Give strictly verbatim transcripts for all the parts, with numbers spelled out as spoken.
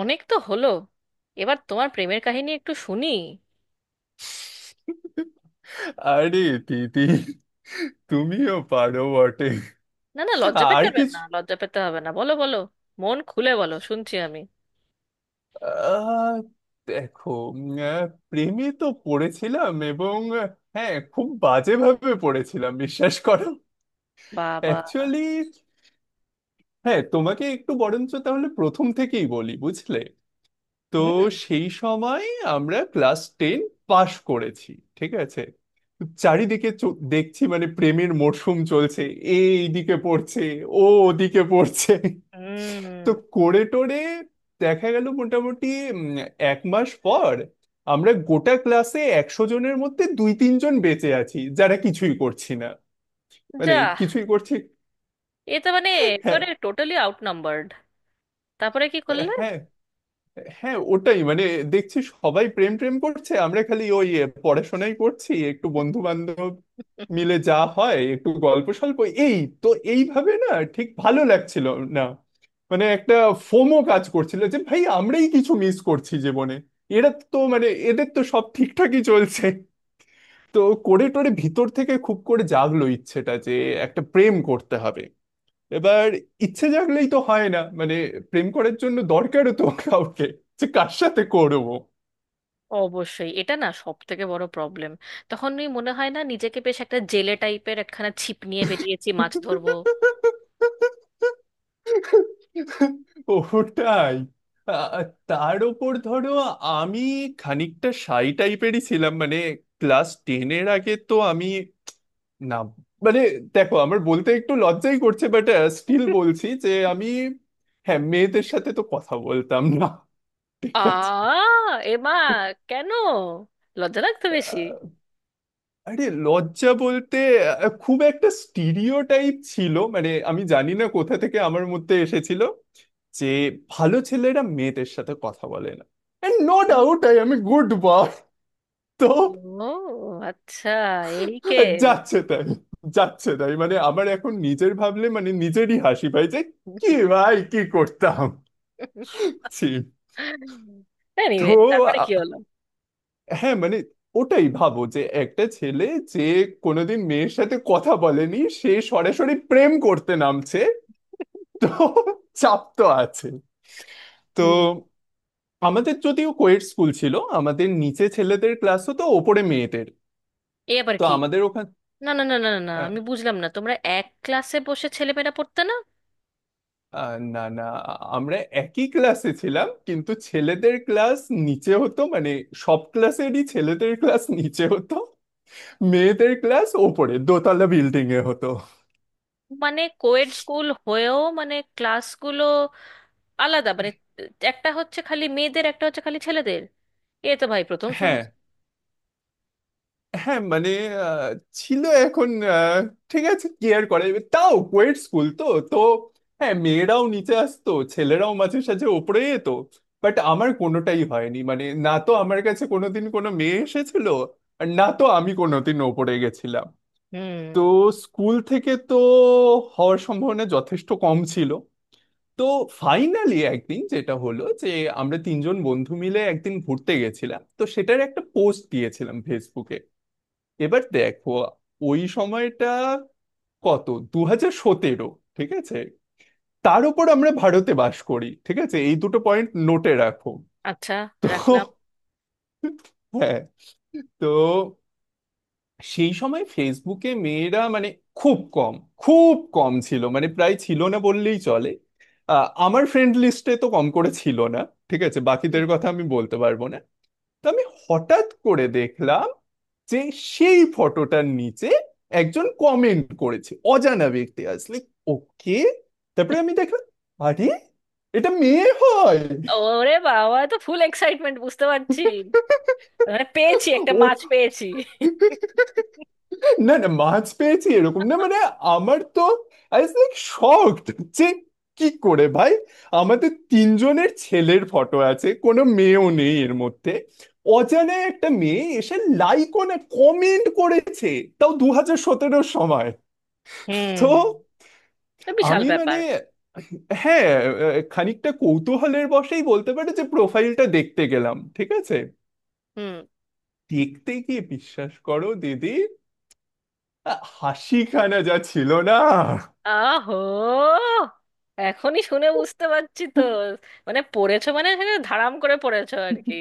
অনেক তো হলো। এবার তোমার প্রেমের কাহিনী একটু শুনি। আরে দিদি, তুমিও পারো বটে। না না, লজ্জা পেতে আর হবে কিছু? না, লজ্জা পেতে হবে না, বলো বলো। মন খুলে বলো, শুনছি আমি। আহ, দেখো, উম, আহ, প্রেমে তো পড়েছিলাম এবং আহ, হ্যাঁ, খুব বাজেভাবে পড়েছিলাম বিশ্বাস করো। বাবা। অ্যাকচুয়ালি হ্যাঁ, তোমাকে একটু বরঞ্চ তাহলে প্রথম থেকেই বলি বুঝলে। তো হুম, সেই সময় আমরা ক্লাস টেন পাশ করেছি, ঠিক আছে। তো চারিদিকে চ- দেখছি মানে প্রেমের মরশুম চলছে। এ এইদিকে পড়ছে, ও ওদিকে পড়ছে। হুম। তো করে টোরে দেখা গেল মোটামুটি উম, এক মাস পর আমরা গোটা ক্লাসে একশো জনের মধ্যে দুই তিনজন বেঁচে আছি যারা কিছুই করছি না, মানে যা। কিছুই করছি। এ তো মানে হ্যাঁ একেবারে টোটালি আউট নাম্বারড। তারপরে কি করলে? হ্যাঁ হ্যাঁ, ওটাই মানে দেখছি সবাই প্রেম প্রেম করছে, আমরা খালি ওই এ, পড়াশোনাই করছি, একটু বন্ধু বান্ধব মিলে যা হয় একটু গল্প স্বল্প এই। তো এইভাবে না ঠিক ভালো লাগছিল না, মানে একটা ফোমো কাজ করছিল যে ভাই আমরাই কিছু মিস করছি জীবনে, এরা তো মানে এদের তো সব ঠিকঠাকই চলছে। তো করে টোরে ভিতর থেকে খুব করে জাগলো ইচ্ছেটা যে একটা প্রেম করতে হবে এবার। ইচ্ছে জাগলেই তো হয় না, মানে প্রেম করার জন্য দরকারও তো কাউকে, যে কার সাথে করবো। অবশ্যই, এটা না সব থেকে বড় প্রবলেম। তখন ওই মনে হয় না নিজেকে বেশ একটা জেলে টাইপের একখানা ছিপ নিয়ে বেরিয়েছি মাছ ধরবো। ওটাই আ- তার ওপর ধরো, আমি খানিকটা শাই টাইপেরই ছিলাম, মানে ক্লাস টেনের আগে তো আমি না মানে, দেখো আমার বলতে একটু লজ্জাই করছে বাট স্টিল বলছি যে আমি হ্যাঁ মেয়েদের সাথে তো কথা বলতাম না, ঠিক আছে। আ, এ মা, কেন? লজ্জা লাগতো বেশি? আরে লজ্জা বলতে আহ, খুব একটা স্টিরিওটাইপ ছিল মানে আমি জানি না কোথা থেকে আমার মধ্যে এসেছিল যে ভালো ছেলেরা মেয়েদের সাথে কথা বলে না। এন্ড নো ডাউট আই আমি গুড বয় তো ও আচ্ছা। এই কেন? যাচ্ছে তাই, যাচ্ছে তাই মানে আমার এখন নিজের ভাবলে মানে নিজেরই হাসি পাই যে কি ভাই কি করতাম। ছি। তো এনিওয়ে তারপরে আ, কি হলো? হ্যাঁ মানে ওটাই ভাবো যে একটা ছেলে যে কোনোদিন মেয়ের সাথে কথা বলেনি সে সরাসরি প্রেম করতে নামছে, তো চাপ তো আছে। তো হুম। আমাদের যদিও কোয়েট স্কুল ছিল, আমাদের নিচে ছেলেদের ক্লাস হতো, ওপরে মেয়েদের। এ আবার তো কি? আমাদের ওখানে না না না না না না, আমি বুঝলাম না, তোমরা এক ক্লাসে বসে ছেলেমেয়েরা পড়তে না? না, না আমরা একই ক্লাসে ছিলাম, কিন্তু ছেলেদের ক্লাস নিচে হতো, মানে সব ক্লাসেরই ছেলেদের ক্লাস নিচে হতো, মেয়েদের ক্লাস ওপরে দোতলা বিল্ডিং এ হতো। মানে কোয়েড স্কুল হয়েও মানে ক্লাসগুলো আলাদা? মানে একটা হচ্ছে খালি মেয়েদের, একটা হচ্ছে খালি ছেলেদের। এ তো ভাই প্রথম হ্যাঁ শুনছি। হ্যাঁ, মানে আহ, ছিল এখন আহ, ঠিক আছে, কেয়ার করে এবার তাও কোয়েট স্কুল তো। তো হ্যাঁ, মেয়েরাও নিচে আসতো, ছেলেরাও মাঝে সাঝে ওপরে যেত, বাট আমার কোনোটাই হয়নি, মানে না তো আমার কাছে কোনোদিন কোনো মেয়ে এসেছিল আর না তো আমি কোনোদিন ওপরে গেছিলাম। তো হুম। স্কুল থেকে তো হওয়ার সম্ভাবনা যথেষ্ট কম ছিল। তো ফাইনালি একদিন যেটা হলো যে আমরা তিনজন বন্ধু মিলে একদিন ঘুরতে গেছিলাম, তো সেটার একটা পোস্ট দিয়েছিলাম ফেসবুকে। এবার দেখো, ওই সময়টা কত? দু হাজার সতেরো, ঠিক আছে। তার উপর আমরা ভারতে বাস করি, ঠিক আছে, এই দুটো পয়েন্ট নোটে রাখো। আচ্ছা। তো রাখলাম। হ্যাঁ, তো সেই সময় ফেসবুকে মেয়েরা মানে খুব কম, খুব কম ছিল, মানে প্রায় ছিল না বললেই চলে। আহ, আমার ফ্রেন্ড লিস্টে তো কম করে ছিল না, ঠিক আছে, বাকিদের হুম। কথা আমি বলতে পারবো না। তো আমি হঠাৎ করে দেখলাম যে সেই ফটোটার নিচে একজন কমেন্ট করেছে, অজানা ব্যক্তি আসলে। ওকে, তারপরে আমি দেখলাম আরে এটা মেয়ে হয়। ওরে বাবা, এ তো ফুল এক্সাইটমেন্ট বুঝতে পারছি। মানে পেয়েছি, একটা ও মাছ পেয়েছি। না না, মাছ পেয়েছি এরকম না, মানে আমার তো আই ওয়াজ লাইক শকড যে কি করে ভাই, আমাদের তিনজনের ছেলের ফটো আছে, কোনো মেয়েও নেই এর মধ্যে, অজানা একটা মেয়ে এসে লাইক না কমেন্ট করেছে, তাও দু হাজার সতেরোর সময়। তো হুম। এ বিশাল আমি মানে ব্যাপার। হ্যাঁ আহ, খানিকটা কৌতূহলের বশেই বলতে পারে যে প্রোফাইলটা দেখতে গেলাম, ঠিক আছে। হুম। দেখতে গিয়ে বিশ্বাস করো দিদি, আহ, হাসিখানা যা ছিল না। আহো, এখনই শুনে বুঝতে পারছি তো। মানে পড়েছো, মানে এখানে ধারাম করে পড়েছো আর কি।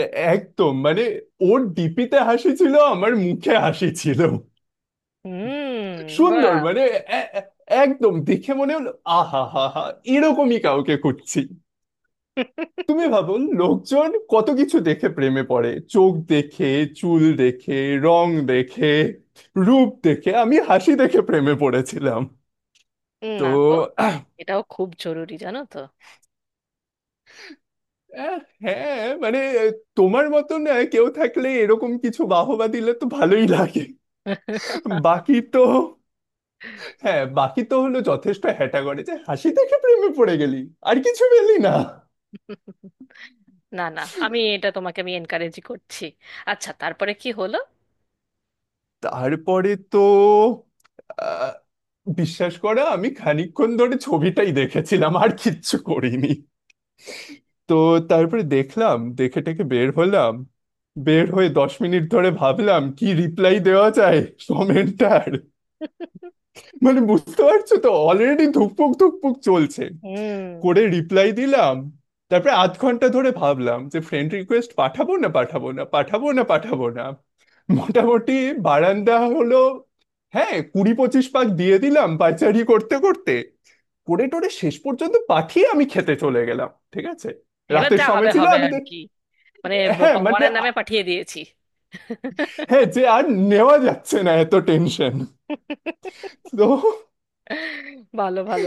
এ- একদম মানে ওর ডিপিতে হাসি ছিল, আমার মুখে হাসি ছিল, হুম। সুন্দর বাহ। মানে এ- এ- একদম দেখে মনে হলো আহা হা হা এরকমই কাউকে খুঁজছি। তুমি ভাবো, লোকজন কত কিছু দেখে প্রেমে পড়ে, চোখ দেখে, চুল দেখে, রং দেখে, রূপ দেখে, আমি হাসি দেখে প্রেমে পড়েছিলাম। না তো তো, এটাও খুব জরুরি জানো তো। আহ, হ্যাঁ, মানে তোমার মতো না কেউ থাকলে এরকম কিছু বাহবা দিলে তো ভালোই লাগে, বাকি তো হ্যাঁ, বাকি তো হলো যথেষ্ট হ্যাটা করে যে হাসি দেখে প্রেমে পড়ে গেলি আর কিছু পেলি না। না না, আমি এটা তোমাকে, আমি এনকারেজই করছি। আচ্ছা, তারপরে কি হলো? তারপরে তো বিশ্বাস করে আমি খানিকক্ষণ ধরে ছবিটাই দেখেছিলাম আর কিচ্ছু করিনি। তো তারপরে দেখলাম দেখে টেকে বের হলাম, বের হয়ে দশ মিনিট ধরে ভাবলাম কি রিপ্লাই দেওয়া যায় কমেন্টার, মানে বুঝতে পারছো তো অলরেডি ধুকপুক ধুকপুক চলছে। হুম। করে রিপ্লাই দিলাম। তারপরে আধ ঘন্টা ধরে ভাবলাম যে ফ্রেন্ড রিকোয়েস্ট পাঠাবো না পাঠাবো না পাঠাবো না পাঠাবো না। মোটামুটি বারান্দা হলো, হ্যাঁ কুড়ি পঁচিশ পাক দিয়ে দিলাম পাইচারি করতে করতে, করে টোরে শেষ পর্যন্ত পাঠিয়ে আমি খেতে চলে গেলাম, ঠিক আছে। এবার রাতের যা সময় হবে ছিল হবে আমি আর তো- কি। মানে হ্যাঁ মানে ভগবানের নামে আ- পাঠিয়ে দিয়েছি। হ্যাঁ যে আর নেওয়া যাচ্ছে না এত টেনশন। তো ভালো ভালো।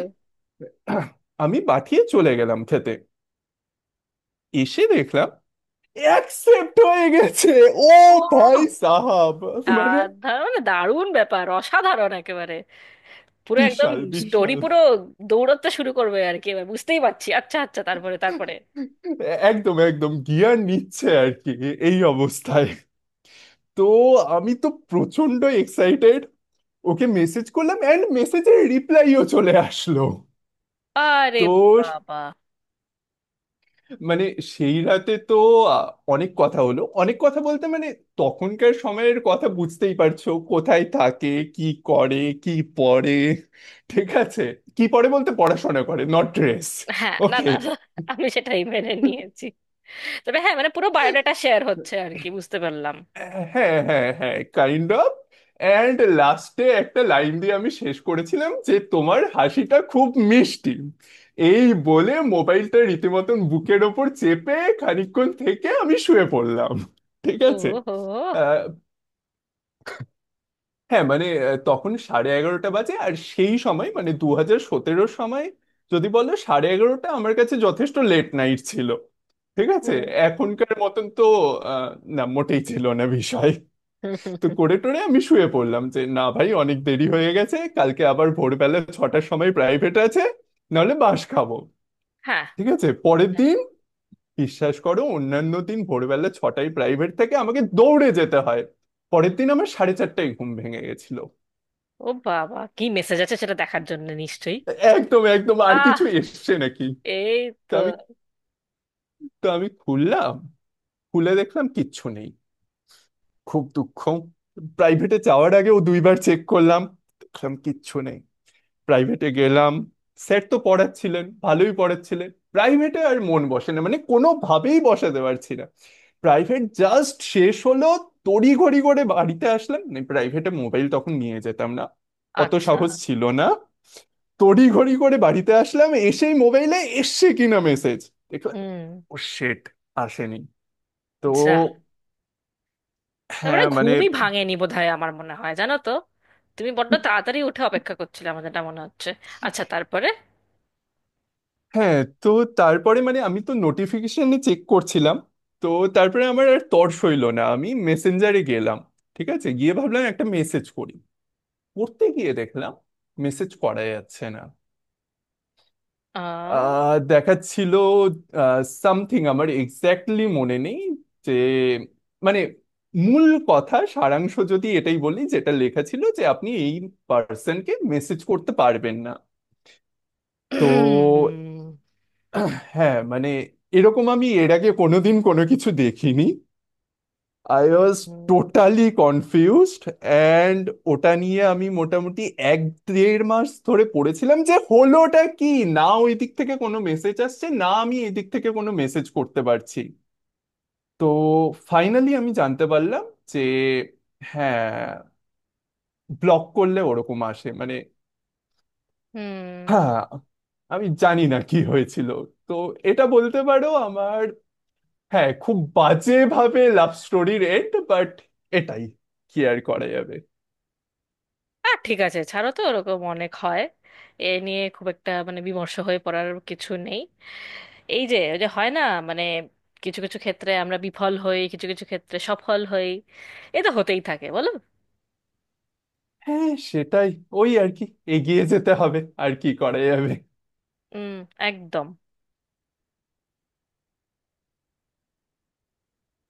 আমি পাঠিয়ে চলে গেলাম খেতে, এসে দেখলাম অ্যাকসেপ্ট হয়ে গেছে। ও ও। ভাই সাহাব, মানে সাধারণ দারুণ ব্যাপার, অসাধারণ একেবারে। পুরো একদম। বিশাল স্টোরি বিশাল পুরো দৌড়াতে শুরু করবে আর কি এবার, বুঝতেই পারছি। আচ্ছা আচ্ছা, তারপরে? তারপরে? এ- একদম একদম গিয়ার নিচ্ছে আর কি এ- এই অবস্থায়। তো আমি তো প্রচন্ড এক্সাইটেড, ওকে মেসেজ করলাম অ্যান্ড মেসেজের রিপ্লাইও চলে আসলো। আরে তো বাবা। মানে সেই রাতে তো আ, অনেক কথা হলো, অনেক কথা বলতে মানে তখনকার সময়ের কথা বুঝতেই পারছো, কোথায় থাকে, কি করে, কি পড়ে, ঠিক আছে, কি পড়ে বলতে পড়াশোনা করে, নট ড্রেস। হ্যাঁ, না ওকে, না না, আমি সেটাই মেনে নিয়েছি। তবে হ্যাঁ, মানে পুরো বায়োডাটা শেয়ার হচ্ছে আর কি, বুঝতে পারলাম। হ্যাঁ হ্যাঁ হ্যাঁ কাইন্ড অফ। অ্যান্ড লাস্টে একটা লাইন দিয়ে আমি শেষ করেছিলাম যে তোমার হাসিটা খুব মিষ্টি, এই বলে মোবাইলটা রীতিমতন বুকের ওপর চেপে খানিকক্ষণ থেকে আমি শুয়ে পড়লাম, ঠিক ও আছে। হো। হ্যাঁ মানে আহ, তখন সাড়ে এগারোটা বাজে আর সেই সময় মানে দু হাজার সতেরোর সময় যদি বলো, সাড়ে এগারোটা আমার কাছে যথেষ্ট লেট নাইট ছিল, ঠিক আছে, হুম। এখনকার মতন তো আহ, না মোটেই ছিল না বিষয়। হুম, হুম, তো করে হুম। টোরে আমি শুয়ে পড়লাম যে না ভাই অনেক দেরি হয়ে গেছে, কালকে আবার ভোরবেলা ছটার সময় প্রাইভেট আছে, নাহলে বাস খাবো, হ্যাঁ। ঠিক আছে। পরের হ্যাঁ। দিন বিশ্বাস করো, অন্যান্য দিন ভোরবেলা ছটায় প্রাইভেট থেকে আমাকে দৌড়ে যেতে হয়, পরের দিন আমার সাড়ে চারটায় ঘুম ভেঙে গেছিল। ও বাবা, কি মেসেজ আছে সেটা দেখার জন্য নিশ্চয়ই। একদম একদম আর আহ। কিছু এসছে নাকি। এই তো তো। আমি তো আমি খুললাম, খুলে দেখলাম কিচ্ছু নেই, খুব দুঃখ। প্রাইভেটে যাওয়ার আগে ও দুইবার চেক করলাম, দেখলাম কিচ্ছু নেই। প্রাইভেটে গেলাম, স্যার তো পড়াচ্ছিলেন ভালোই পড়াচ্ছিলেন, প্রাইভেটে আর মন বসে না, মানে কোনোভাবেই বসাতে পারছি না। প্রাইভেট জাস্ট শেষ হলো, তড়িঘড়ি করে বাড়িতে আসলাম। প্রাইভেটে মোবাইল তখন নিয়ে যেতাম না, অত আচ্ছা। সাহস ছিল না। তড়িঘড়ি করে বাড়িতে আসলাম এসেই মোবাইলে এসছে কিনা মেসেজ দেখলাম। হুম। ও শেট, আসেনি। তো যা। তারপরে হ্যাঁ মানে ঘুমই ভাঙেনি বোধহয়, আমার মনে হয় জানো তো। তুমি বড্ড তাড়াতাড়ি উঠে অপেক্ষা করছিলে আমার, যেটা মনে হচ্ছে। আচ্ছা তারপরে? হ্যাঁ। তো তারপরে মানে আমি তো নোটিফিকেশনে চেক করছিলাম, তো তারপরে আমার আর তর্স হইল না, আমি মেসেঞ্জারে গেলাম, ঠিক আছে, গিয়ে ভাবলাম একটা মেসেজ করি, পড়তে গিয়ে দেখলাম মেসেজ করা যাচ্ছে না। আহ। আহ দেখাচ্ছিল সামথিং, আমার এক্স্যাক্টলি মনে নেই, যে মানে মূল কথা সারাংশ যদি এটাই বলি যেটা লেখা ছিল যে আপনি এই পার্সনকে মেসেজ করতে পারবেন না। তো হ্যাঁ মানে এরকম আমি এর আগে কোনোদিন কোনো কিছু দেখিনি, I was totally confused and ওটা নিয়ে আমি মোটামুটি এক দেড় মাস ধরে পড়েছিলাম যে হলোটা কি, না ওই দিক থেকে কোনো মেসেজ আসছে না আমি এই দিক থেকে কোনো মেসেজ করতে পারছি। তো ফাইনালি আমি জানতে পারলাম যে হ্যাঁ ব্লক করলে ওরকম আসে, মানে হুম। হ্যাঁ আমি জানি না কি হয়েছিল। তো এটা বলতে পারো আমার হ্যাঁ খুব বাজেভাবে লাভ স্টোরির এন্ড, বাট এটাই কি আর করা যাবে। আর ঠিক আছে, ছাড়ো তো, ওরকম অনেক হয়। এ নিয়ে খুব একটা মানে বিমর্ষ হয়ে পড়ার কিছু নেই। এই যে ওই যে হয় না মানে কিছু কিছু ক্ষেত্রে আমরা বিফল হই, কিছু কিছু ক্ষেত্রে সফল হই। এ তো হতেই থাকে বলো। হ্যাঁ সেটাই, ওই আর কি, এগিয়ে যেতে হবে, আর কি করা যাবে। হুম। একদম।